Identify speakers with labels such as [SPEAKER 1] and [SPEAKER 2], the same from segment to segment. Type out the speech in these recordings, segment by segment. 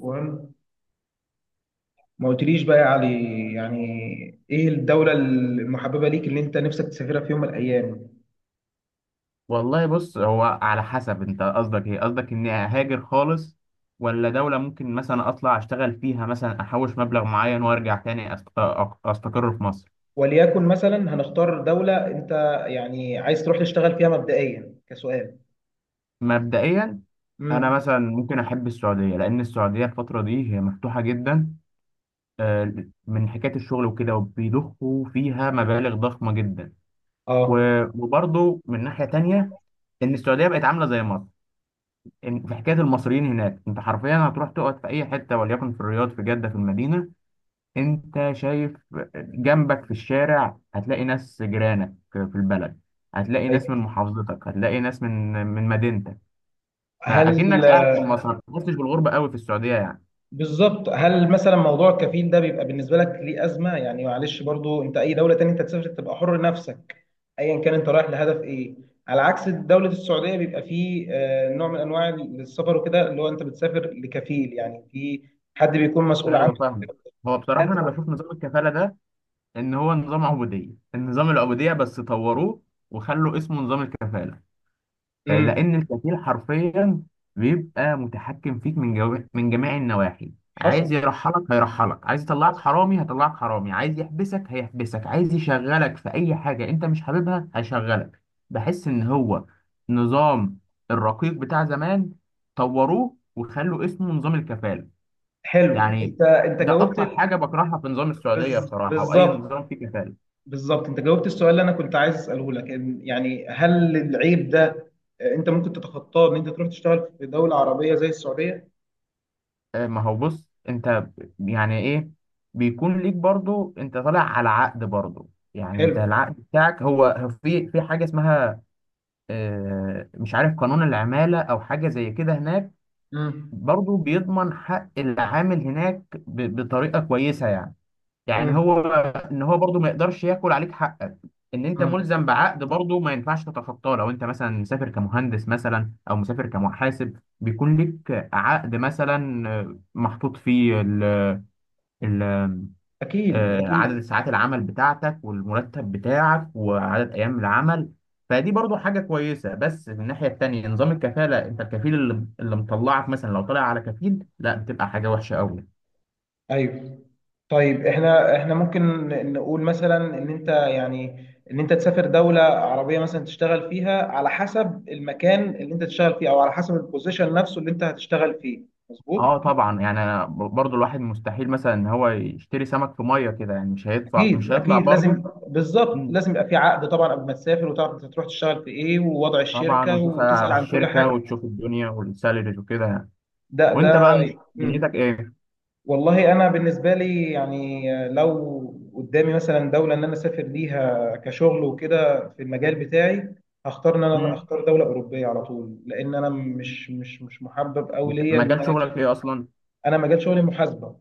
[SPEAKER 1] وهم، ما قلتليش بقى يا علي، يعني ايه الدولة المحببة ليك اللي انت نفسك تسافرها في يوم من الايام؟
[SPEAKER 2] والله بص، هو على حسب. انت قصدك ايه؟ قصدك اني اهاجر خالص، ولا دولة ممكن مثلا اطلع اشتغل فيها، مثلا احوش مبلغ معين وارجع تاني استقر في مصر.
[SPEAKER 1] وليكن مثلا هنختار دولة، انت يعني عايز تروح تشتغل فيها مبدئيا كسؤال؟
[SPEAKER 2] مبدئيا انا
[SPEAKER 1] امم.
[SPEAKER 2] مثلا ممكن احب السعودية، لان السعودية الفترة دي هي مفتوحة جدا، آه، من حكاية الشغل وكده، وبيضخوا فيها مبالغ ضخمة جدا.
[SPEAKER 1] اه.
[SPEAKER 2] وبرضه من ناحية تانية، ان السعودية بقت عاملة زي مصر. في حكاية المصريين هناك، انت حرفيا هتروح تقعد في اي حتة، وليكن في الرياض، في جدة، في المدينة. انت شايف جنبك في الشارع هتلاقي ناس جيرانك في البلد، هتلاقي ناس من
[SPEAKER 1] ايوه.
[SPEAKER 2] محافظتك، هتلاقي ناس من مدينتك.
[SPEAKER 1] هل
[SPEAKER 2] فاكنك قاعد في مصر، ما تحسش بالغربه قوي في السعوديه يعني.
[SPEAKER 1] بالظبط. هل مثلا موضوع الكفيل ده بيبقى بالنسبه لك ليه ازمه؟ يعني معلش، برضو انت اي دوله تانية انت تسافر تبقى حر نفسك، ايا كان انت رايح لهدف ايه. على عكس دوله السعوديه بيبقى فيه نوع من انواع السفر وكده، اللي هو انت بتسافر لكفيل، يعني في حد بيكون مسؤول عنك.
[SPEAKER 2] ايوه فاهمك. هو بصراحه انا بشوف نظام الكفاله ده ان هو نظام عبوديه، النظام العبوديه بس طوروه وخلوا اسمه نظام الكفاله.
[SPEAKER 1] امم.
[SPEAKER 2] لأن الكفيل حرفيا بيبقى متحكم فيك من جميع النواحي.
[SPEAKER 1] حصل.
[SPEAKER 2] عايز يرحلك هيرحلك، عايز يطلعك
[SPEAKER 1] حصل.
[SPEAKER 2] حرامي هيطلعك حرامي، عايز يحبسك هيحبسك، عايز يشغلك في أي حاجة أنت مش حاببها هيشغلك. بحس إن هو نظام الرقيق بتاع زمان، طوروه وخلوا اسمه نظام الكفالة
[SPEAKER 1] حلو.
[SPEAKER 2] يعني.
[SPEAKER 1] انت
[SPEAKER 2] ده أكتر حاجة بكرهها في نظام السعودية بصراحة، وأي
[SPEAKER 1] بالظبط،
[SPEAKER 2] نظام فيه كفالة.
[SPEAKER 1] بالظبط، انت جاوبت السؤال اللي انا كنت عايز اساله لك، يعني هل العيب ده انت ممكن تتخطاه ان انت تروح تشتغل في دولة عربية زي السعودية؟
[SPEAKER 2] ما هو بص، يعني ايه، بيكون ليك برضو، انت طالع على عقد برضو يعني.
[SPEAKER 1] حلو.
[SPEAKER 2] انت العقد بتاعك هو هو في حاجه اسمها، مش عارف، قانون العماله او حاجه زي كده هناك،
[SPEAKER 1] امم.
[SPEAKER 2] برضو بيضمن حق العامل هناك بطريقه كويسه يعني. يعني
[SPEAKER 1] امم.
[SPEAKER 2] هو ان هو برضو ما يقدرش ياكل عليك حقك، ان انت
[SPEAKER 1] امم.
[SPEAKER 2] ملزم بعقد برضو، ما ينفعش تتخطاه. لو انت مثلا مسافر كمهندس مثلا، او مسافر كمحاسب، بيكون لك عقد مثلا محطوط فيه ال ال
[SPEAKER 1] اكيد،
[SPEAKER 2] عدد
[SPEAKER 1] اكيد.
[SPEAKER 2] ساعات العمل بتاعتك، والمرتب بتاعك، وعدد ايام العمل. فدي برضو حاجة كويسة. بس من الناحية التانية، نظام الكفالة، انت الكفيل اللي مطلعك مثلا، لو طلع على كفيل لا، بتبقى حاجة وحشة قوي.
[SPEAKER 1] ايوه. طيب، احنا ممكن نقول مثلا ان انت، يعني، ان انت تسافر دولة عربية مثلا تشتغل فيها على حسب المكان اللي انت تشتغل فيه او على حسب البوزيشن نفسه اللي انت هتشتغل فيه. مظبوط.
[SPEAKER 2] اه طبعا. يعني برضو الواحد مستحيل مثلا ان هو يشتري سمك في ميه كده يعني، مش هيدفع،
[SPEAKER 1] اكيد،
[SPEAKER 2] مش هيطلع
[SPEAKER 1] اكيد، لازم،
[SPEAKER 2] برضو.
[SPEAKER 1] بالظبط،
[SPEAKER 2] مم.
[SPEAKER 1] لازم يبقى في عقد طبعا قبل ما تسافر، وتعرف انت هتروح تشتغل في ايه ووضع
[SPEAKER 2] طبعا،
[SPEAKER 1] الشركه،
[SPEAKER 2] وتسأل
[SPEAKER 1] وتسال
[SPEAKER 2] على
[SPEAKER 1] عن كل
[SPEAKER 2] الشركه،
[SPEAKER 1] حاجه.
[SPEAKER 2] وتشوف الدنيا والسالاريز وكده يعني.
[SPEAKER 1] ده.
[SPEAKER 2] وانت بقى
[SPEAKER 1] مم.
[SPEAKER 2] دنيتك ايه؟
[SPEAKER 1] والله انا بالنسبه لي يعني لو قدامي مثلا دوله ان انا اسافر ليها كشغل وكده في المجال بتاعي، هختار ان انا
[SPEAKER 2] مم.
[SPEAKER 1] اختار دوله اوروبيه على طول، لان انا مش محبب قوي ليا ان
[SPEAKER 2] مجال
[SPEAKER 1] انا
[SPEAKER 2] شغلك
[SPEAKER 1] اسافر.
[SPEAKER 2] ايه اصلا؟
[SPEAKER 1] انا مجال شغلي محاسبه،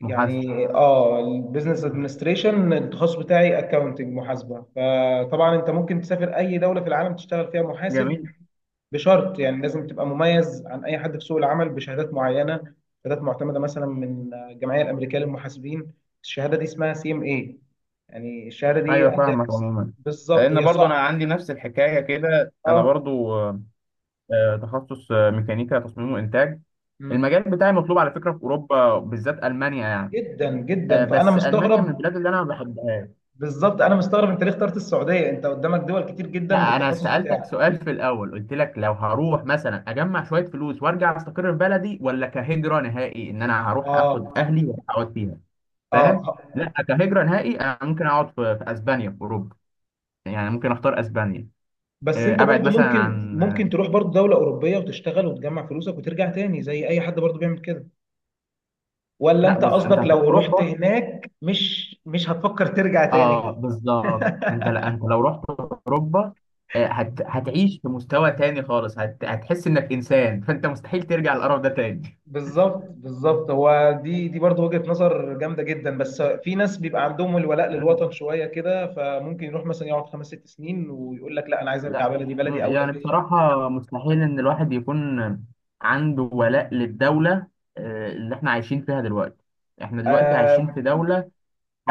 [SPEAKER 2] محاسب.
[SPEAKER 1] يعني البيزنس
[SPEAKER 2] مم.
[SPEAKER 1] ادمنستريشن التخصص بتاعي، اكاونتنج، محاسبه. فطبعا انت ممكن تسافر اي دوله في العالم تشتغل فيها محاسب،
[SPEAKER 2] جميل.
[SPEAKER 1] بشرط يعني لازم تبقى مميز عن اي حد في سوق العمل بشهادات معينه، شهادات معتمده مثلا من الجمعيه الامريكيه للمحاسبين. الشهاده دي اسمها سي ام اي. يعني الشهاده دي،
[SPEAKER 2] ايوه فاهمك عموما،
[SPEAKER 1] بالظبط،
[SPEAKER 2] لان
[SPEAKER 1] هي
[SPEAKER 2] برضو انا
[SPEAKER 1] صعبه.
[SPEAKER 2] عندي نفس الحكايه كده. انا
[SPEAKER 1] اه.
[SPEAKER 2] برضو تخصص ميكانيكا تصميم وانتاج.
[SPEAKER 1] مم.
[SPEAKER 2] المجال بتاعي مطلوب على فكره في اوروبا، بالذات المانيا يعني.
[SPEAKER 1] جدا جدا، فانا
[SPEAKER 2] بس المانيا من
[SPEAKER 1] مستغرب.
[SPEAKER 2] البلاد اللي انا ما بحبهاش.
[SPEAKER 1] بالظبط، انا مستغرب انت ليه اخترت السعوديه، انت قدامك دول كتير جدا
[SPEAKER 2] لا، انا
[SPEAKER 1] بالتخصص
[SPEAKER 2] سالتك
[SPEAKER 1] بتاعك.
[SPEAKER 2] سؤال في الاول، قلت لك لو هروح مثلا اجمع شويه فلوس وارجع استقر في بلدي، ولا كهجره نهائي ان انا هروح اخد
[SPEAKER 1] اه،
[SPEAKER 2] اهلي واقعد فيها. فاهم.
[SPEAKER 1] اه.
[SPEAKER 2] لا، كهجره نهائي انا ممكن اقعد في اسبانيا، في اوروبا يعني. ممكن اختار اسبانيا.
[SPEAKER 1] بس انت
[SPEAKER 2] ابعد
[SPEAKER 1] برضو
[SPEAKER 2] مثلا
[SPEAKER 1] ممكن
[SPEAKER 2] عن
[SPEAKER 1] ممكن تروح برضو دولة أوروبية وتشتغل وتجمع فلوسك وترجع تاني زي أي حد برضو بيعمل كده، ولا
[SPEAKER 2] لا
[SPEAKER 1] انت
[SPEAKER 2] بص،
[SPEAKER 1] قصدك
[SPEAKER 2] انت هتروح
[SPEAKER 1] لو رحت
[SPEAKER 2] اوروبا.
[SPEAKER 1] هناك مش هتفكر ترجع تاني؟
[SPEAKER 2] اه بالظبط، انت لا، انت لو رحت اوروبا هتعيش في مستوى تاني خالص، هتحس انك انسان، فانت مستحيل ترجع للقرف ده تاني.
[SPEAKER 1] بالظبط، بالظبط. هو دي برضو وجهة نظر جامدة جدا، بس في ناس بيبقى عندهم الولاء للوطن شوية كده، فممكن يروح مثلا يقعد 5 6 سنين ويقول لك لا أنا عايز أرجع
[SPEAKER 2] لا
[SPEAKER 1] بلدي، بلدي أولى
[SPEAKER 2] يعني
[SPEAKER 1] بيا.
[SPEAKER 2] بصراحة، مستحيل إن الواحد يكون عنده ولاء للدولة اللي إحنا عايشين فيها دلوقتي. إحنا دلوقتي عايشين
[SPEAKER 1] آه.
[SPEAKER 2] في دولة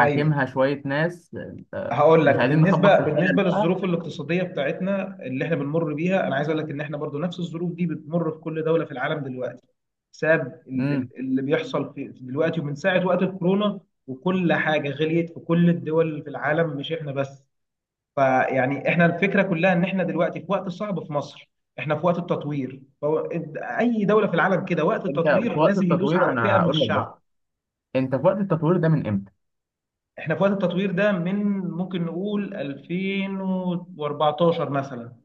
[SPEAKER 1] ايوه.
[SPEAKER 2] شوية ناس.
[SPEAKER 1] هقول لك،
[SPEAKER 2] مش عايزين نخبط
[SPEAKER 1] بالنسبه
[SPEAKER 2] في الحلل
[SPEAKER 1] بالنسبه
[SPEAKER 2] بقى.
[SPEAKER 1] للظروف الاقتصاديه بتاعتنا اللي احنا بنمر بيها، انا عايز اقول لك ان احنا برضو نفس الظروف دي بتمر في كل دوله في العالم دلوقتي، بسبب
[SPEAKER 2] امم.
[SPEAKER 1] اللي بيحصل في دلوقتي، ومن ساعه وقت الكورونا، وكل حاجه غليت في كل الدول اللي في العالم، مش احنا بس. فيعني احنا الفكره كلها ان احنا دلوقتي في وقت صعب في مصر، احنا في وقت التطوير. اي دوله في العالم كده، وقت
[SPEAKER 2] أنت
[SPEAKER 1] التطوير
[SPEAKER 2] في وقت
[SPEAKER 1] لازم يدوس
[SPEAKER 2] التطوير،
[SPEAKER 1] على فئه
[SPEAKER 2] أنا
[SPEAKER 1] من
[SPEAKER 2] هقول لك بس،
[SPEAKER 1] الشعب.
[SPEAKER 2] أنت في وقت التطوير ده من إمتى؟
[SPEAKER 1] احنا في وقت التطوير ده من، ممكن نقول 2014 مثلا،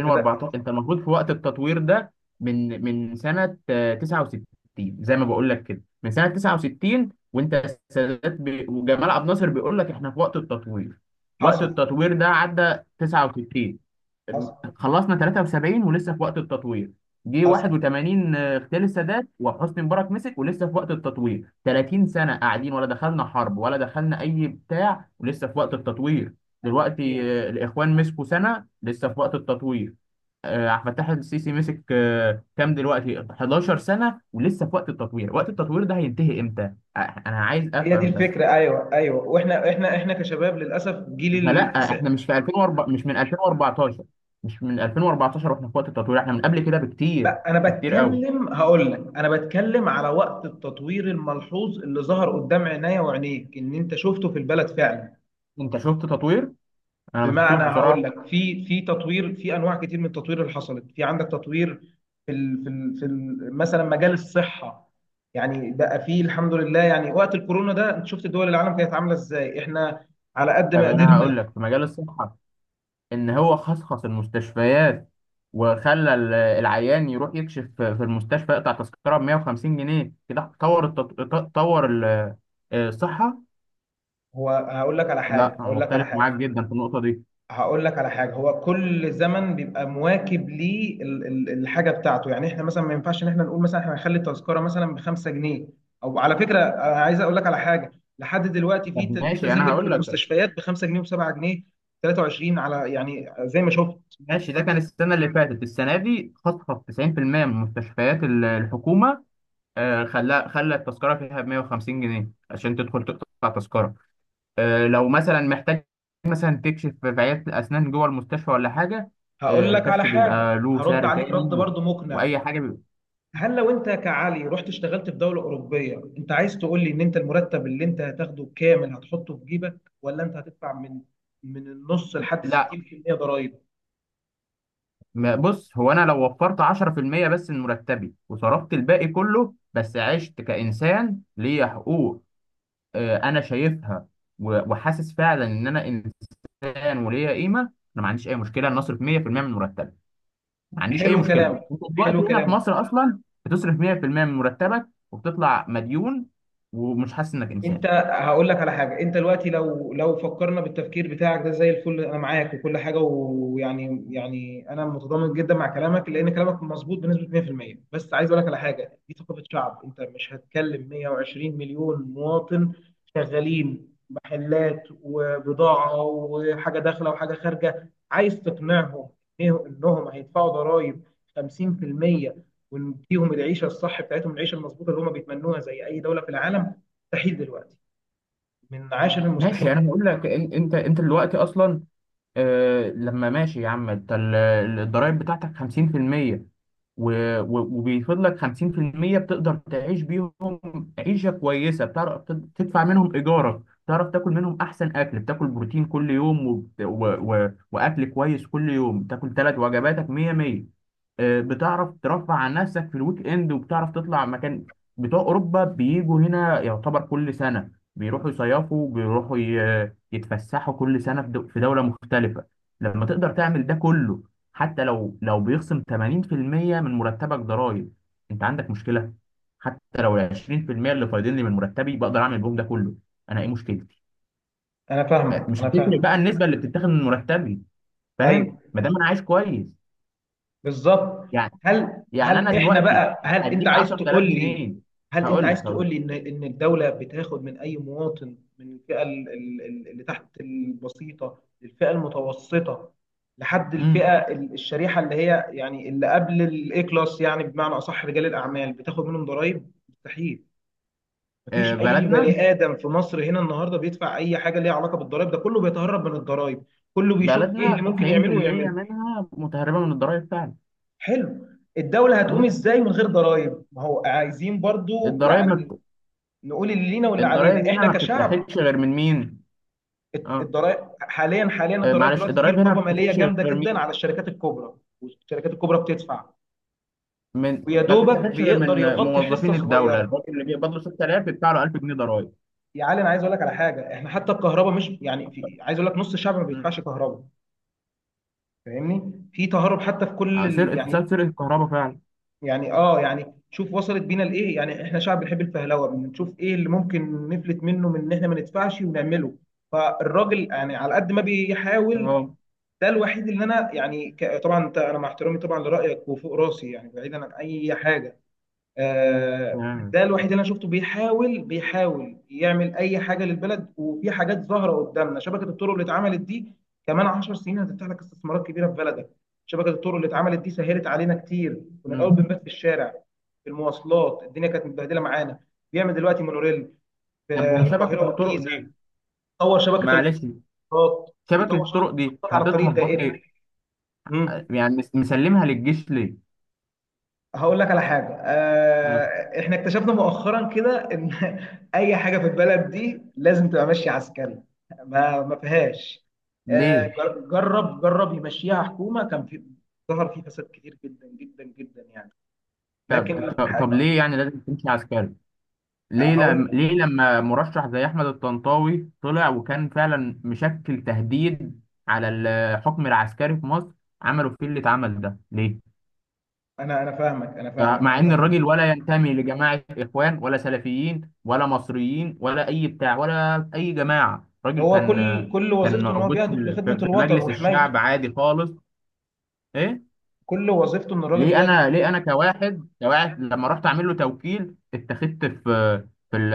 [SPEAKER 1] بدأ.
[SPEAKER 2] انت المفروض في وقت التطوير ده من سنه 69. زي ما بقول لك كده، من سنه 69، وانت وجمال عبد الناصر بيقول لك احنا في وقت التطوير. وقت
[SPEAKER 1] حصل.
[SPEAKER 2] التطوير ده عدى 69،
[SPEAKER 1] حصل.
[SPEAKER 2] خلصنا 73، ولسه في وقت التطوير. جه
[SPEAKER 1] حصل.
[SPEAKER 2] 81، اغتيال السادات، وحسني مبارك مسك، ولسه في وقت التطوير. 30 سنة قاعدين، ولا دخلنا حرب، ولا دخلنا أي بتاع، ولسه في وقت التطوير. دلوقتي
[SPEAKER 1] اكيد.
[SPEAKER 2] الإخوان مسكوا سنة، لسه في وقت التطوير. عبد الفتاح السيسي مسك كام دلوقتي، 11 سنة، ولسه في وقت التطوير. وقت التطوير ده هينتهي إمتى؟ آه، أنا عايز
[SPEAKER 1] هي دي
[SPEAKER 2] أفهم بس.
[SPEAKER 1] الفكره. ايوه، ايوه. واحنا، احنا احنا كشباب للاسف جيل
[SPEAKER 2] فلا احنا
[SPEAKER 1] التسعينات.
[SPEAKER 2] مش في 2004، مش من 2014، مش من 2014 واحنا في وقت التطوير، احنا من قبل كده بكتير،
[SPEAKER 1] لا، انا
[SPEAKER 2] بكتير قوي.
[SPEAKER 1] بتكلم، هقول لك، انا بتكلم على وقت التطوير الملحوظ اللي ظهر قدام عينيا وعينيك، ان انت شفته في البلد فعلا.
[SPEAKER 2] انت شفت تطوير، انا ما شفتوش
[SPEAKER 1] بمعنى هقول
[SPEAKER 2] بصراحه.
[SPEAKER 1] لك في تطوير في انواع كتير من التطوير اللي حصلت، في عندك تطوير في ال مثلا مجال الصحه. يعني بقى فيه الحمد لله، يعني وقت الكورونا ده انت شفت دول العالم كانت عامله ازاي، احنا على قد ما
[SPEAKER 2] طب انا هقول
[SPEAKER 1] قدرنا.
[SPEAKER 2] لك في مجال الصحه، ان هو خصخص المستشفيات، وخلى العيان يروح يكشف في المستشفى، يقطع تذكره ب 150 جنيه كده، طور طور الصحه.
[SPEAKER 1] هو
[SPEAKER 2] لا أنا مختلف معاك جدا في النقطه دي.
[SPEAKER 1] هقول لك على حاجه، هو كل زمن بيبقى مواكب ليه الحاجه بتاعته، يعني احنا مثلا ما ينفعش ان احنا نقول مثلا احنا هنخلي التذكره مثلا ب 5 جنيه. او على فكره، انا عايز اقول لك على حاجه، لحد دلوقتي في
[SPEAKER 2] طب
[SPEAKER 1] ت- في
[SPEAKER 2] ماشي انا
[SPEAKER 1] تذاكر في
[SPEAKER 2] هقول لك.
[SPEAKER 1] المستشفيات ب 5 جنيه و7 جنيه 23، على، يعني زي ما شفت.
[SPEAKER 2] ماشي، ده كان السنة اللي فاتت، السنة دي خصخص 90% من مستشفيات الحكومة. خلى التذكرة فيها ب 150 جنيه عشان تدخل تقطع تذكرة. لو مثلا محتاج مثلا تكشف في عيادة الأسنان جوه المستشفى، ولا حاجة
[SPEAKER 1] هقول لك على
[SPEAKER 2] الكشف، بيبقى
[SPEAKER 1] حاجه،
[SPEAKER 2] له
[SPEAKER 1] هرد
[SPEAKER 2] سعر
[SPEAKER 1] عليك رد
[SPEAKER 2] تاني،
[SPEAKER 1] برضو مقنع.
[SPEAKER 2] وأي حاجة بيبقى.
[SPEAKER 1] هل لو انت كعلي رحت اشتغلت في دولة أوروبية، انت عايز تقول لي ان انت المرتب اللي انت هتاخده كامل هتحطه في جيبك، ولا انت هتدفع من النص لحد
[SPEAKER 2] لا
[SPEAKER 1] 60% ضرائب؟
[SPEAKER 2] بص، هو أنا لو وفرت 10% بس من مرتبي، وصرفت الباقي كله، بس عشت كإنسان ليا حقوق، أنا شايفها وحاسس فعلا ان انا فعلا وليها قيمه، انا ما عنديش اي مشكله ان اصرف 100% من مرتبي. ما عنديش اي
[SPEAKER 1] حلو
[SPEAKER 2] مشكله.
[SPEAKER 1] كلامك،
[SPEAKER 2] انت دلوقتي
[SPEAKER 1] حلو
[SPEAKER 2] هنا في
[SPEAKER 1] كلامك.
[SPEAKER 2] مصر اصلا بتصرف 100% من مرتبك، وبتطلع مديون، ومش حاسس انك
[SPEAKER 1] انت،
[SPEAKER 2] انسان.
[SPEAKER 1] هقول لك على حاجه، انت دلوقتي لو فكرنا بالتفكير بتاعك ده زي الفل، انا معاك وكل حاجه، ويعني انا متضامن جدا مع كلامك لان كلامك مظبوط بنسبه 100%، بس عايز اقول لك على حاجه، دي ثقافه شعب، انت مش هتكلم 120 مليون مواطن شغالين محلات وبضاعه وحاجه داخله وحاجه خارجه، عايز تقنعهم انهم هيدفعوا ضرائب 50% ونديهم العيشه الصح بتاعتهم، العيشه المظبوطه اللي هم بيتمنوها زي اي دوله في العالم. مستحيل دلوقتي، من عاشر
[SPEAKER 2] ماشي
[SPEAKER 1] المستحيلات.
[SPEAKER 2] انا هقول لك. انت دلوقتي اصلا، آه لما ماشي يا عم، الضرايب بتاعتك 50%، وبيفضل لك 50% بتقدر تعيش بيهم عيشة كويسة. بتعرف تدفع منهم إيجارك، بتعرف تاكل منهم أحسن أكل، بتاكل بروتين كل يوم، وأكل كويس كل يوم، بتاكل ثلاث وجباتك مية مية. بتعرف ترفع عن نفسك في الويك إند، وبتعرف تطلع مكان. بتوع أوروبا بيجوا هنا يعتبر كل سنة، بيروحوا يصيفوا، بيروحوا يتفسحوا كل سنة في دولة مختلفة. لما تقدر تعمل ده كله، حتى لو بيخصم 80% من مرتبك ضرائب، انت عندك مشكلة؟ حتى لو ال 20% اللي فايضين لي من مرتبي بقدر اعمل بيهم ده كله، انا ايه مشكلتي؟
[SPEAKER 1] انا فاهمك،
[SPEAKER 2] مش
[SPEAKER 1] انا
[SPEAKER 2] هتفرق
[SPEAKER 1] فاهمك.
[SPEAKER 2] بقى النسبة اللي بتتاخد من مرتبي، فاهم؟
[SPEAKER 1] ايوه،
[SPEAKER 2] ما دام انا عايش كويس
[SPEAKER 1] بالظبط.
[SPEAKER 2] يعني.
[SPEAKER 1] هل
[SPEAKER 2] يعني انا
[SPEAKER 1] احنا
[SPEAKER 2] دلوقتي
[SPEAKER 1] بقى،
[SPEAKER 2] هديك 10000 جنيه
[SPEAKER 1] هل انت عايز
[SPEAKER 2] هقول لك.
[SPEAKER 1] تقول لي ان الدوله بتاخد من اي مواطن من الفئه اللي تحت البسيطه للفئه المتوسطه، لحد الفئه
[SPEAKER 2] امم.
[SPEAKER 1] الشريحه اللي هي يعني اللي قبل الاي كلاس، يعني بمعنى اصح رجال الاعمال، بتاخد منهم ضرائب؟ مستحيل. مفيش اي
[SPEAKER 2] بلدنا،
[SPEAKER 1] بني ادم في مصر هنا النهارده بيدفع اي حاجه ليها علاقه بالضرائب، ده كله بيتهرب من الضرائب، كله بيشوف ايه
[SPEAKER 2] بلدنا
[SPEAKER 1] اللي ممكن يعمله
[SPEAKER 2] 90%
[SPEAKER 1] ويعمله.
[SPEAKER 2] منها متهربة من الضرائب فعلا.
[SPEAKER 1] حلو. الدوله هتقوم
[SPEAKER 2] أمم.
[SPEAKER 1] ازاي من غير ضرائب؟ ما هو عايزين برضو يعني
[SPEAKER 2] الضرايب
[SPEAKER 1] نقول اللي لينا واللي علينا
[SPEAKER 2] الضرايب هنا
[SPEAKER 1] احنا
[SPEAKER 2] ما
[SPEAKER 1] كشعب.
[SPEAKER 2] بتتاخدش غير من مين؟ اه.
[SPEAKER 1] الضرائب، حاليا، الضرائب
[SPEAKER 2] معلش،
[SPEAKER 1] دلوقتي في
[SPEAKER 2] الضرايب هنا
[SPEAKER 1] رقابه
[SPEAKER 2] ما
[SPEAKER 1] ماليه
[SPEAKER 2] بتتاخدش
[SPEAKER 1] جامده
[SPEAKER 2] غير
[SPEAKER 1] جدا على
[SPEAKER 2] مين؟
[SPEAKER 1] الشركات الكبرى، والشركات الكبرى بتدفع، ويا
[SPEAKER 2] ما
[SPEAKER 1] دوبك
[SPEAKER 2] بتتاخدش غير
[SPEAKER 1] بيقدر
[SPEAKER 2] من
[SPEAKER 1] يغطي حصه
[SPEAKER 2] موظفين الدولة.
[SPEAKER 1] صغيره.
[SPEAKER 2] الراجل اللي بيقبض له 6000، بيدفع له 1000 جنيه ضرايب.
[SPEAKER 1] يا علي، انا عايز اقول لك على حاجه، احنا حتى الكهرباء مش يعني، في، عايز اقول لك نص الشعب ما
[SPEAKER 2] مم.
[SPEAKER 1] بيدفعش كهرباء. فاهمني، في تهرب حتى في كل
[SPEAKER 2] سرقة، سلسلة سرقة الكهرباء فعلا.
[SPEAKER 1] يعني، شوف وصلت بينا لايه، يعني احنا شعب بنحب الفهلوه، بنشوف ايه اللي ممكن نفلت منه من ان احنا ما ندفعش ونعمله. فالراجل يعني على قد ما بيحاول،
[SPEAKER 2] اه.
[SPEAKER 1] ده الوحيد اللي انا يعني طبعا انت، انا مع احترامي طبعا لرايك وفوق راسي، يعني بعيدا عن اي حاجه،
[SPEAKER 2] تمام.
[SPEAKER 1] ده الوحيد اللي انا شفته بيحاول، بيحاول يعمل اي حاجه للبلد، وفي حاجات ظاهره قدامنا، شبكه الطرق اللي اتعملت دي كمان 10 سنين هتفتح لك استثمارات كبيره في بلدك. شبكه الطرق اللي اتعملت دي سهلت علينا كتير، كنا الاول
[SPEAKER 2] مم.
[SPEAKER 1] بنبات في الشارع في المواصلات، الدنيا كانت متبهدله معانا. بيعمل دلوقتي مونوريل في
[SPEAKER 2] طب، وشبكة
[SPEAKER 1] القاهره
[SPEAKER 2] الطرق
[SPEAKER 1] والجيزه،
[SPEAKER 2] دي،
[SPEAKER 1] طور شبكه
[SPEAKER 2] معلش،
[SPEAKER 1] القطارات
[SPEAKER 2] شبكة
[SPEAKER 1] يطور شبكه
[SPEAKER 2] الطرق دي
[SPEAKER 1] القطارات على الطريق
[SPEAKER 2] حاططها في
[SPEAKER 1] الدائري.
[SPEAKER 2] بطن.
[SPEAKER 1] مم.
[SPEAKER 2] يعني مسلمها للجيش ليه؟
[SPEAKER 1] هقول لك على حاجة،
[SPEAKER 2] مم.
[SPEAKER 1] احنا اكتشفنا مؤخرا كده ان اي حاجة في البلد دي لازم تبقى ماشية عسكري. ما فيهاش.
[SPEAKER 2] ليه؟
[SPEAKER 1] جرب يمشيها حكومة، كان في، ظهر فيه فساد كتير جدا جدا جدا يعني.
[SPEAKER 2] طب
[SPEAKER 1] لكن
[SPEAKER 2] طب طب
[SPEAKER 1] ح-
[SPEAKER 2] ليه يعني لازم تمشي عسكري؟ ليه
[SPEAKER 1] هقول.
[SPEAKER 2] لما، ليه لما مرشح زي احمد الطنطاوي طلع، وكان فعلا مشكل تهديد على الحكم العسكري في مصر، عملوا فيه اللي اتعمل ده ليه؟
[SPEAKER 1] انا فاهمك، انا فاهمك،
[SPEAKER 2] مع
[SPEAKER 1] انا
[SPEAKER 2] ان الراجل
[SPEAKER 1] فاهمك.
[SPEAKER 2] ولا ينتمي لجماعه اخوان، ولا سلفيين، ولا مصريين، ولا اي بتاع، ولا اي جماعه. الراجل
[SPEAKER 1] هو
[SPEAKER 2] كان
[SPEAKER 1] كل
[SPEAKER 2] كان
[SPEAKER 1] وظيفته ان هو
[SPEAKER 2] موجود في
[SPEAKER 1] بيهدف لخدمة الوطن
[SPEAKER 2] مجلس
[SPEAKER 1] وحمايته،
[SPEAKER 2] الشعب عادي خالص. ايه؟
[SPEAKER 1] كل وظيفته ان الراجل
[SPEAKER 2] ليه
[SPEAKER 1] بيهدف
[SPEAKER 2] انا، ليه انا كواحد، لما رحت اعمل له توكيل، اتخذت في في ال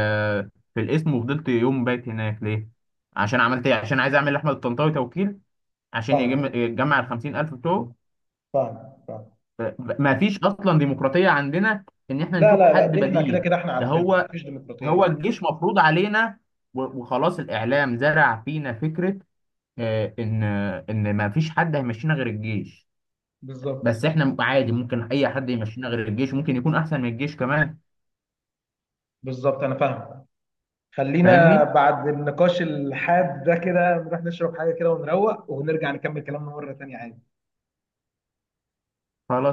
[SPEAKER 2] في الاسم، وفضلت يوم بايت هناك ليه؟ عشان عملت ايه؟ عشان عايز اعمل لاحمد الطنطاوي توكيل عشان
[SPEAKER 1] فاهم،
[SPEAKER 2] يجمع ال 50000 بتوعه.
[SPEAKER 1] فاهم، فاهم.
[SPEAKER 2] ما فيش اصلا ديمقراطيه عندنا ان احنا
[SPEAKER 1] لا،
[SPEAKER 2] نشوف
[SPEAKER 1] لا، لا،
[SPEAKER 2] حد
[SPEAKER 1] دي احنا كده
[SPEAKER 2] بديل.
[SPEAKER 1] كده احنا
[SPEAKER 2] ده
[SPEAKER 1] عارفينها،
[SPEAKER 2] هو
[SPEAKER 1] مفيش ديمقراطية،
[SPEAKER 2] هو
[SPEAKER 1] لا.
[SPEAKER 2] الجيش مفروض علينا، وخلاص. الاعلام زرع فينا فكره ان ما فيش حد هيمشينا غير الجيش. بس
[SPEAKER 1] بالظبط،
[SPEAKER 2] احنا عادي، ممكن اي حد يمشينا غير الجيش، ممكن يكون احسن من الجيش كمان.
[SPEAKER 1] بالظبط، انا فاهم. خلينا
[SPEAKER 2] فاهمني؟
[SPEAKER 1] بعد النقاش الحاد ده كده نروح نشرب حاجه كده ونروق ونرجع نكمل كلامنا مره تانية، عادي.